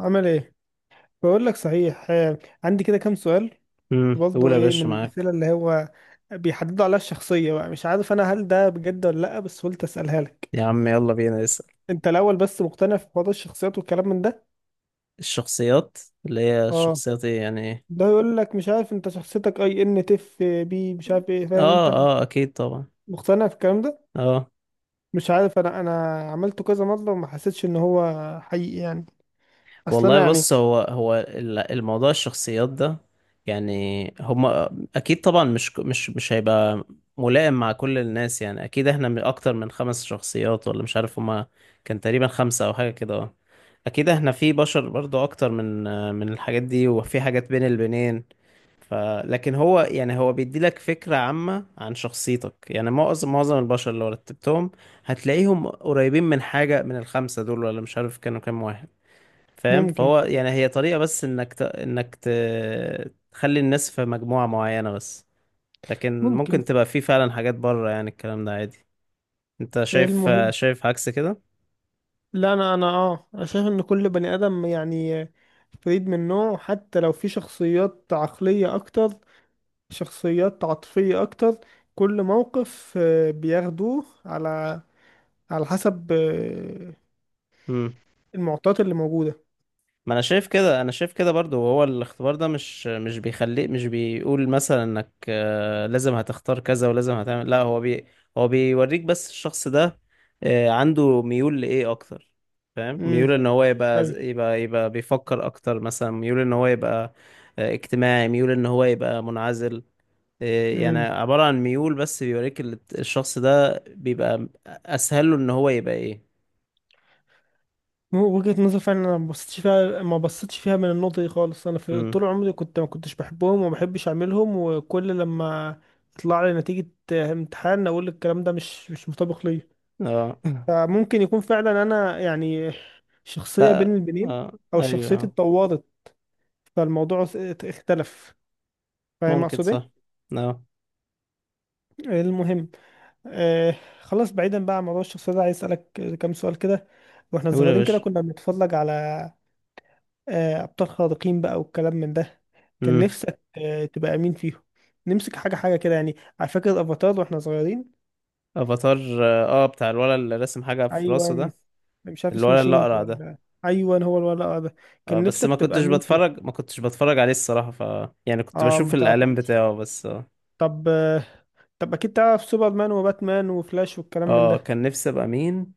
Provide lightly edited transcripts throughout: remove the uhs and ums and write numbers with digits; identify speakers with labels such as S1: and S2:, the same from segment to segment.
S1: عمل ايه؟ بقول لك صحيح، عندي كده كام سؤال.
S2: قول
S1: برضه
S2: يا
S1: ايه
S2: باشا
S1: من
S2: معاك.
S1: الاسئله اللي هو بيحددوا عليها الشخصيه؟ بقى مش عارف انا هل ده بجد ولا لا، بس قلت اسالها لك.
S2: يا عم يلا بينا نسأل.
S1: انت الاول، بس مقتنع في حوار الشخصيات والكلام من ده؟
S2: الشخصيات اللي هي
S1: اه.
S2: الشخصيات ايه يعني إيه؟
S1: ده يقول لك مش عارف انت شخصيتك اي ان تف بي، مش عارف ايه، فاهم
S2: اه.
S1: انت
S2: اه اكيد طبعا.
S1: مقتنع في الكلام ده؟
S2: اه
S1: مش عارف، انا عملته كذا مره وما حسيتش ان هو حقيقي يعني، اصل
S2: والله
S1: انا يعني.
S2: بص، هو الموضوع الشخصيات ده، يعني هما اكيد طبعا مش هيبقى ملائم مع كل الناس، يعني اكيد احنا من اكتر من خمس شخصيات ولا مش عارف، هما كان تقريبا خمسة او حاجة كده اه. اكيد احنا في بشر برضو اكتر من الحاجات دي، وفي حاجات بين البنين. ف... لكن هو يعني هو بيديلك فكرة عامة عن شخصيتك، يعني معظم البشر اللي رتبتهم هتلاقيهم قريبين من حاجة من الخمسة دول، ولا مش عارف كانوا كام واحد. فاهم؟
S1: ممكن
S2: فهو يعني هي طريقة بس انك تخلي الناس في مجموعة معينة بس، لكن
S1: ممكن.
S2: ممكن تبقى في فعلا حاجات بره، يعني الكلام ده عادي. انت شايف
S1: المهم،
S2: شايف عكس كده؟
S1: لا انا انا اه أنا شايف ان كل بني ادم يعني فريد من نوعه، حتى لو في شخصيات عقلية اكتر، شخصيات عاطفية اكتر، كل موقف بياخدوه على على حسب المعطيات اللي موجودة.
S2: ما انا شايف كده، انا شايف كده برضو. وهو الاختبار ده مش بيخليك، مش بيقول مثلا انك لازم هتختار كذا ولازم هتعمل، لا هو بيوريك بس الشخص ده عنده ميول لايه اكتر. فاهم؟
S1: امم.
S2: ميول ان هو يبقى
S1: ايوه.
S2: يبقى يبقى بيفكر اكتر، مثلا ميول ان هو يبقى اجتماعي، ميول ان هو يبقى منعزل، يعني
S1: امم.
S2: عبارة عن ميول. بس بيوريك الشخص ده بيبقى اسهل له ان هو يبقى ايه.
S1: وجهة نظر فعلا انا ما بصيتش فيها، من النقطة دي خالص. انا في
S2: امم.
S1: طول عمري ما كنتش بحبهم وما بحبش اعملهم، وكل لما يطلع لي نتيجة امتحان اقول الكلام ده مش مطابق ليا.
S2: اه
S1: فممكن يكون فعلا انا يعني شخصية بين
S2: لا
S1: البنين،
S2: اه.
S1: او شخصيتي
S2: ايوه.
S1: اتطورت، فالموضوع اختلف، فاهم
S2: ممكن
S1: اقصد
S2: صح.
S1: ايه؟
S2: اه.
S1: المهم آه خلاص، بعيدا بقى عن موضوع الشخصية ده، عايز اسالك كام سؤال كده. واحنا
S2: قول يا
S1: صغيرين كده
S2: باشا.
S1: كنا بنتفرج على ابطال خارقين بقى والكلام من ده، كان
S2: امم.
S1: نفسك تبقى مين فيهم؟ نمسك حاجة حاجة كده، يعني على فكرة افاتار واحنا صغيرين.
S2: افاتار؟ اه بتاع الولد اللي رسم حاجة في راسه
S1: ايوان،
S2: ده؟
S1: مش عارف اسمه
S2: الولد اللي
S1: شينج
S2: اقرع ده؟
S1: ولا... ايوان، هو الولد ده،
S2: اه
S1: كان
S2: بس
S1: نفسك تبقى مين فيهم؟
S2: ما كنتش بتفرج عليه الصراحة. يعني كنت
S1: اه،
S2: بشوف
S1: ما
S2: الاعلان
S1: تعرفوش.
S2: بتاعه بس اه.
S1: طب، طب اكيد تعرف سوبرمان وباتمان وفلاش والكلام من
S2: اه
S1: ده.
S2: كان نفسي ابقى مين.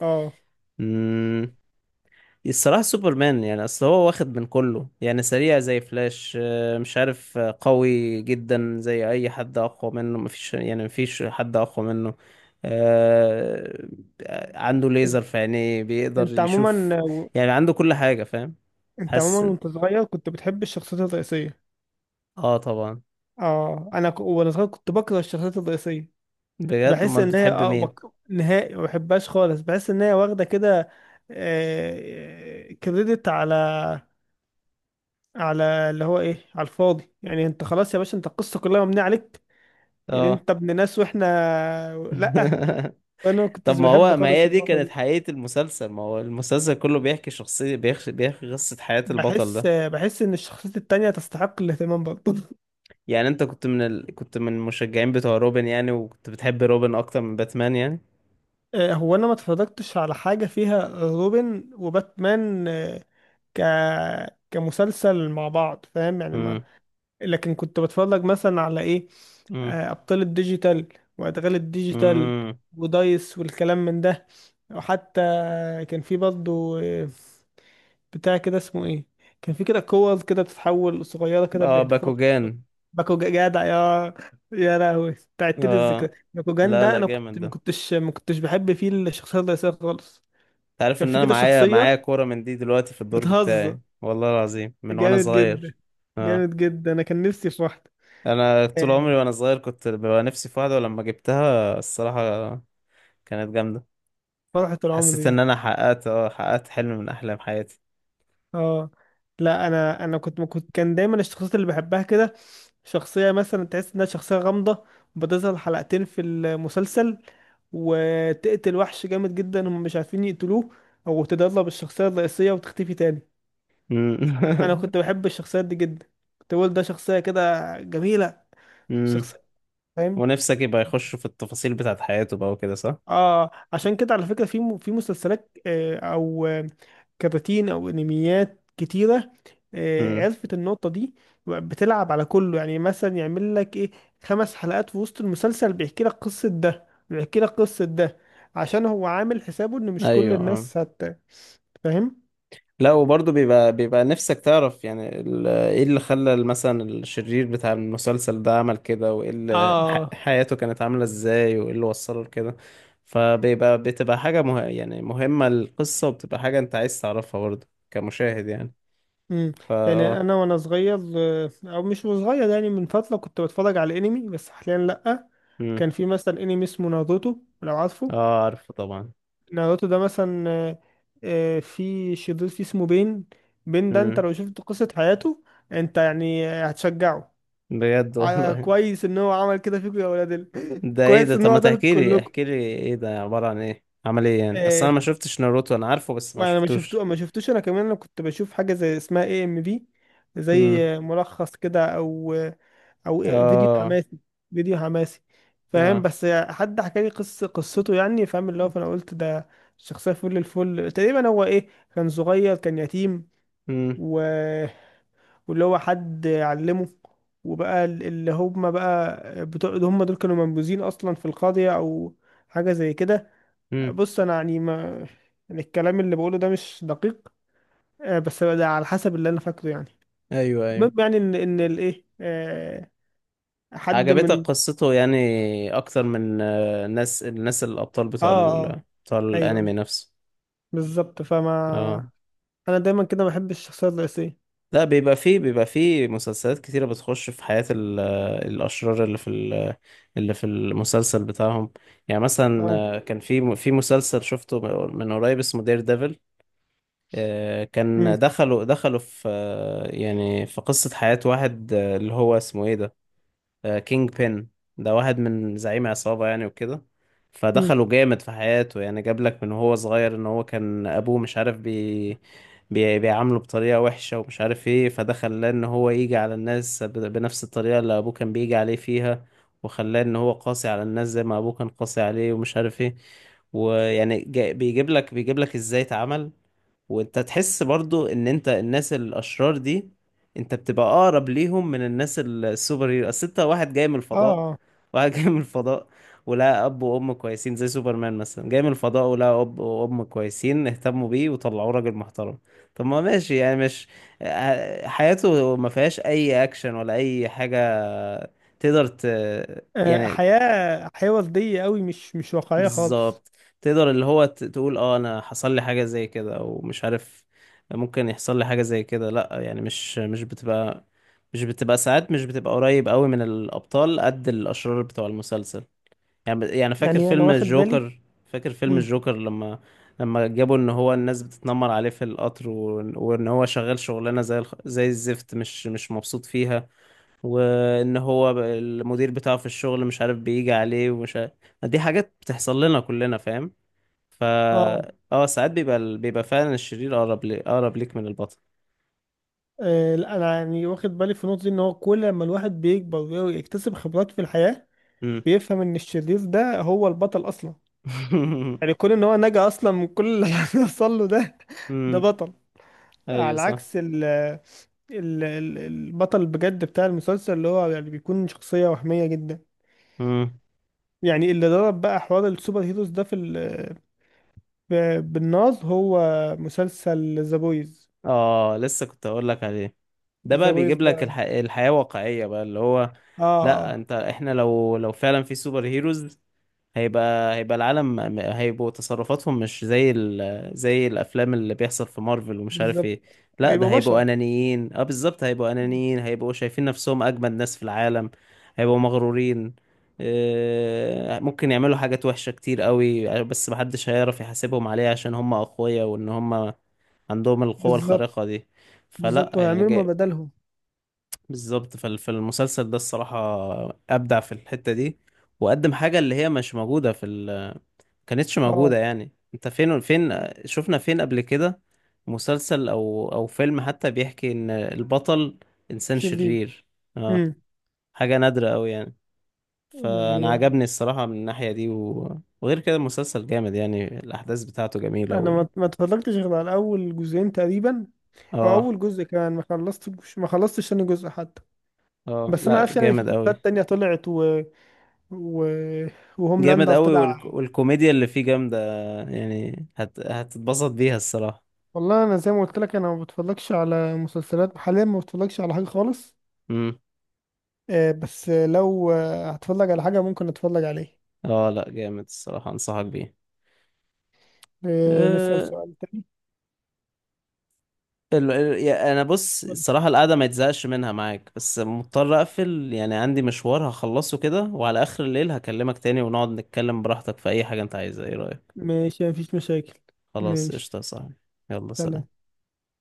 S1: اه.
S2: امم. الصراحة سوبرمان، يعني أصل هو واخد من كله، يعني سريع زي فلاش، مش عارف، قوي جدا زي أي حد، أقوى منه مفيش، يعني مفيش حد أقوى منه. آه، عنده
S1: انت
S2: ليزر في عينيه، بيقدر
S1: أنت عموما،
S2: يشوف، يعني عنده كل حاجة. فاهم؟
S1: انت
S2: حاسس.
S1: عموما وانت صغير كنت بتحب الشخصيات الرئيسيه؟
S2: اه طبعا.
S1: اه، وانا صغير كنت بكره الشخصيات الرئيسيه.
S2: بجد؟
S1: بحس
S2: أمال
S1: ان هي
S2: بتحب مين؟
S1: نهائي ما بحبهاش خالص، بحس ان هي واخده كده كريدت على على اللي هو ايه، على الفاضي. يعني انت خلاص يا باشا، انت القصه كلها مبنيه عليك، يعني
S2: اه
S1: انت ابن ناس واحنا... لا. فانا ما
S2: طب
S1: كنتش
S2: ما
S1: بحب
S2: هو، ما
S1: خالص
S2: هي دي
S1: النقطه
S2: كانت
S1: دي.
S2: حقيقة المسلسل، ما هو المسلسل كله بيحكي شخصية، بيحكي قصة حياة البطل
S1: بحس
S2: ده.
S1: بحس ان الشخصيات التانية تستحق الاهتمام برضه.
S2: يعني انت كنت من المشجعين بتوع روبن يعني؟ وكنت بتحب روبن اكتر من باتمان يعني؟
S1: هو انا ما اتفرجتش على حاجة فيها روبن وباتمان آه، ك كمسلسل مع بعض، فاهم يعني ما...
S2: امم.
S1: لكن كنت بتفرج مثلا على ايه،
S2: امم.
S1: ابطال الديجيتال وادغال الديجيتال
S2: امم.
S1: ودايس والكلام من ده. وحتى كان في برضه بتاع كده اسمه ايه، كان في كده كور كده بتتحول صغيره كده
S2: اه
S1: بيحدفوها.
S2: باكوجان.
S1: باكوجان! جدع يا لهوي، بتاعت لي
S2: اه
S1: الذكرى. باكوجان
S2: لا
S1: ده
S2: لا،
S1: انا كنت
S2: جامد ده. انت
S1: ما كنتش بحب فيه الشخصيه الرئيسيه خالص.
S2: عارف
S1: كان
S2: ان
S1: في
S2: انا
S1: كده
S2: معايا
S1: شخصيه
S2: كورة من دي دلوقتي في الدرج
S1: بتهزر
S2: بتاعي والله العظيم من وانا
S1: جامد جدا،
S2: صغير. اه.
S1: جامد جدا، انا كان نفسي في واحده
S2: انا طول
S1: آه،
S2: عمري وانا صغير كنت ببقى نفسي في واحدة، ولما جبتها الصراحة كانت جامدة.
S1: فرحه العمر
S2: حسيت
S1: دي.
S2: ان انا حققت حلم من احلام حياتي.
S1: اه، لا، انا انا كنت كنت كان دايما الشخصيات اللي بحبها كده شخصية مثلا تحس انها شخصية غامضة، بتظهر حلقتين في المسلسل وتقتل وحش جامد جدا هم مش عارفين يقتلوه، او تدرب الشخصية الرئيسية وتختفي تاني. انا
S2: امم
S1: كنت بحب الشخصيات دي جدا، كنت بقول ده شخصية كده جميلة،
S2: امم.
S1: شخصية، فاهم.
S2: ونفسك يبقى يخش في التفاصيل بتاعت حياته بقى وكده، صح؟
S1: اه، عشان كده على فكرة في في مسلسلات او كراتين او انميات كتيرة،
S2: امم.
S1: عرفت النقطة دي، بتلعب على كله. يعني مثلا يعمل لك ايه، 5 حلقات في وسط المسلسل بيحكي لك قصة ده بيحكي لك قصة ده، عشان هو عامل حسابه ان مش كل
S2: ايوه. آه.
S1: الناس هت... فاهم.
S2: لا، وبرضه بيبقى نفسك تعرف يعني ايه اللي خلى مثلا الشرير بتاع المسلسل ده عمل كده، وايه اللي
S1: اه.
S2: حياته كانت عاملة ازاي، وايه اللي وصله لكده. بتبقى حاجة يعني مهمة القصة، وبتبقى حاجة انت عايز تعرفها برضه كمشاهد يعني.
S1: امم.
S2: فا
S1: يعني
S2: اه
S1: انا وانا صغير او مش صغير، يعني من فترة، كنت بتفرج على انمي، بس حاليا لأ.
S2: امم.
S1: كان في مثلا انمي اسمه ناروتو، لو عارفه.
S2: اه عارفه طبعا.
S1: ناروتو ده مثلا في شرير فيه اسمه بين. بين ده انت
S2: امم.
S1: لو شفت قصة حياته، انت يعني هتشجعه،
S2: بجد والله.
S1: كويس ان هو عمل كده فيكم يا ولاد
S2: ده ايه
S1: كويس
S2: ده؟
S1: ان
S2: طب ما
S1: هو ده
S2: تحكي لي
S1: كلكم
S2: احكي لي، ايه ده؟ عبارة عن ايه؟ عمل ايه يعني؟ اصل
S1: آه،
S2: انا ما شفتش ناروتو، انا عارفه بس ما
S1: وانا
S2: شفتوش.
S1: ما شفتوش انا كمان. انا كنت بشوف حاجة زي اسمها AMV، زي ملخص كده، او فيديو
S2: اه.
S1: حماسي، فيديو حماسي، فاهم.
S2: اه.
S1: بس حد حكى لي قصة قصته، يعني فاهم اللي هو، فانا قلت ده شخصية فل الفل تقريبا. هو ايه، كان صغير كان يتيم
S2: امم.
S1: و... واللي هو حد علمه، وبقى اللي هم بقى بتوع هم دول كانوا منبوذين اصلا في القاضية، او حاجة زي كده.
S2: امم.
S1: بص، انا يعني ما، يعني الكلام اللي بقوله ده مش دقيق بس ده على حسب اللي انا فاكره يعني.
S2: ايوه.
S1: المهم
S2: ايوه.
S1: يعني ان الايه، حد
S2: عجبتك
S1: من...
S2: قصته يعني اكتر من آه، الناس الناس الابطال
S1: اه.
S2: بتوع
S1: اه.
S2: بتوع
S1: ايوه، أيوة،
S2: الانمي نفسه؟
S1: بالظبط، فما
S2: اه
S1: انا دايما كده بحب الشخصيات الرئيسية.
S2: لا، بيبقى فيه مسلسلات كتيرة بتخش في حياة ال... آه، الاشرار اللي في المسلسل بتاعهم. يعني مثلا
S1: اه.
S2: كان في مسلسل شفته من قريب اسمه دير ديفل،
S1: امم.
S2: كان دخلوا في في قصة حياة واحد، اللي هو اسمه ايه ده، كينج بين. ده واحد من زعيم عصابة يعني وكده.
S1: امم.
S2: فدخله جامد في حياته، يعني جاب لك من هو صغير ان هو كان ابوه مش عارف بيعامله بطريقة وحشة ومش عارف ايه، فده خلاه ان هو يجي على الناس بنفس الطريقة اللي ابوه كان بيجي عليه فيها، وخلاه ان هو قاسي على الناس زي ما ابوه كان قاسي عليه ومش عارف ايه. ويعني بيجيب لك ازاي اتعمل. وانت تحس برضو ان انت الناس الاشرار دي انت بتبقى اقرب ليهم من الناس السوبر هيرو، اصل انت واحد جاي من
S1: اه.
S2: الفضاء،
S1: آه.
S2: واحد جاي من الفضاء، ولا اب وام كويسين زي سوبرمان مثلا، جاي من الفضاء ولا اب وام كويسين اهتموا بيه وطلعوه راجل محترم. طب ما ماشي، يعني مش حياته ما فيهاش اي اكشن ولا اي حاجة. تقدر ت... يعني
S1: حياة حياة وردية قوي، مش واقعية خالص.
S2: بالظبط تقدر اللي هو تقول اه انا حصل لي حاجة زي كده، او مش عارف ممكن يحصل لي حاجة زي كده. لا يعني مش بتبقى، مش بتبقى ساعات، مش بتبقى قريب قوي من الابطال قد الاشرار بتوع المسلسل. يعني
S1: يعني انا واخد بالي.
S2: فاكر فيلم
S1: مم.
S2: الجوكر لما جابوا ان هو الناس بتتنمر عليه في القطر، وإن هو شغال شغلانة زي زي الزفت، مش مبسوط فيها، وان هو المدير بتاعه في الشغل مش عارف بيجي عليه ومش عارف. دي حاجات بتحصل لنا كلنا. فاهم؟ فا
S1: اه.
S2: اه ساعات بيبقى بيبقى فعلا الشرير اقرب ليك من البطل.
S1: لا، انا يعني واخد بالي في النقطه دي، ان هو كل ما الواحد بيكبر ويكتسب خبرات في الحياه
S2: امم
S1: بيفهم ان الشرير ده هو البطل اصلا. يعني كون ان هو نجا اصلا من كل اللي حصل له ده، ده
S2: امم.
S1: بطل،
S2: ايوه
S1: على
S2: صح.
S1: عكس البطل بجد بتاع المسلسل، اللي هو يعني بيكون شخصيه وهميه جدا.
S2: امم.
S1: يعني اللي ضرب بقى حوار السوبر هيروز ده بالناز، هو مسلسل ذا بويز.
S2: اه لسه كنت اقول لك عليه. ده بقى
S1: ذا بويز
S2: بيجيب لك
S1: ده.
S2: الحياة واقعية بقى. اللي هو
S1: اه.
S2: لا، انت، احنا لو فعلا في سوبر هيروز، هيبقوا تصرفاتهم مش زي زي الافلام اللي بيحصل في مارفل ومش عارف
S1: بالظبط،
S2: ايه. لا، ده
S1: هيبقوا
S2: هيبقوا
S1: بشر،
S2: انانيين. اه بالظبط، هيبقوا انانيين، هيبقوا شايفين نفسهم اجمد ناس في العالم، هيبقوا مغرورين. ممكن يعملوا حاجات وحشة كتير قوي، بس محدش هيعرف يحاسبهم عليها عشان هم اقوياء وان هم عندهم القوة
S1: بالظبط،
S2: الخارقة دي. فلا
S1: بالظبط،
S2: يعني
S1: وهيعملوا ما
S2: جاي،
S1: بدلهم.
S2: بالظبط. فالمسلسل ده الصراحة ابدع في الحتة دي، وقدم حاجة اللي هي مش موجودة في، كانتش
S1: اه،
S2: موجودة. يعني انت فين شفنا فين قبل كده مسلسل او فيلم حتى بيحكي ان البطل انسان
S1: شرير.
S2: شرير؟ اه.
S1: امم.
S2: حاجة نادرة قوي يعني. فانا
S1: يعني
S2: عجبني الصراحة من الناحية دي و... وغير كده المسلسل جامد، يعني الاحداث بتاعته جميلة
S1: انا
S2: وال...
S1: ما اتفرجتش غير على اول جزئين تقريبا، او
S2: اه.
S1: اول جزء كمان، ما خلصتش ثاني جزء حتى.
S2: اه
S1: بس انا
S2: لا
S1: عارف يعني في
S2: جامد قوي.
S1: شخصيات تانية طلعت و... و...
S2: جامد
S1: وهوملاندر
S2: قوي.
S1: طلع.
S2: والكوميديا اللي فيه جامدة، يعني هتتبسط بيها الصراحة.
S1: والله انا زي ما قلت لك، انا ما بتفرجش على مسلسلات حاليا، ما بتفرجش على حاجه خالص،
S2: امم.
S1: بس لو هتفرج على حاجه ممكن اتفرج عليه.
S2: اه لا جامد، الصراحة انصحك بيه.
S1: نسأل
S2: آه،
S1: سؤال تاني.
S2: انا بص، الصراحه القعده ما يتزهقش منها معاك، بس مضطر اقفل يعني، عندي مشوار هخلصه كده، وعلى اخر الليل هكلمك تاني ونقعد نتكلم براحتك في اي حاجه انت عايزها. ايه رايك؟
S1: ماشي، مفيش مشاكل.
S2: خلاص
S1: ماشي.
S2: قشطه يا صاحبي. يلا
S1: سلام.
S2: سلام.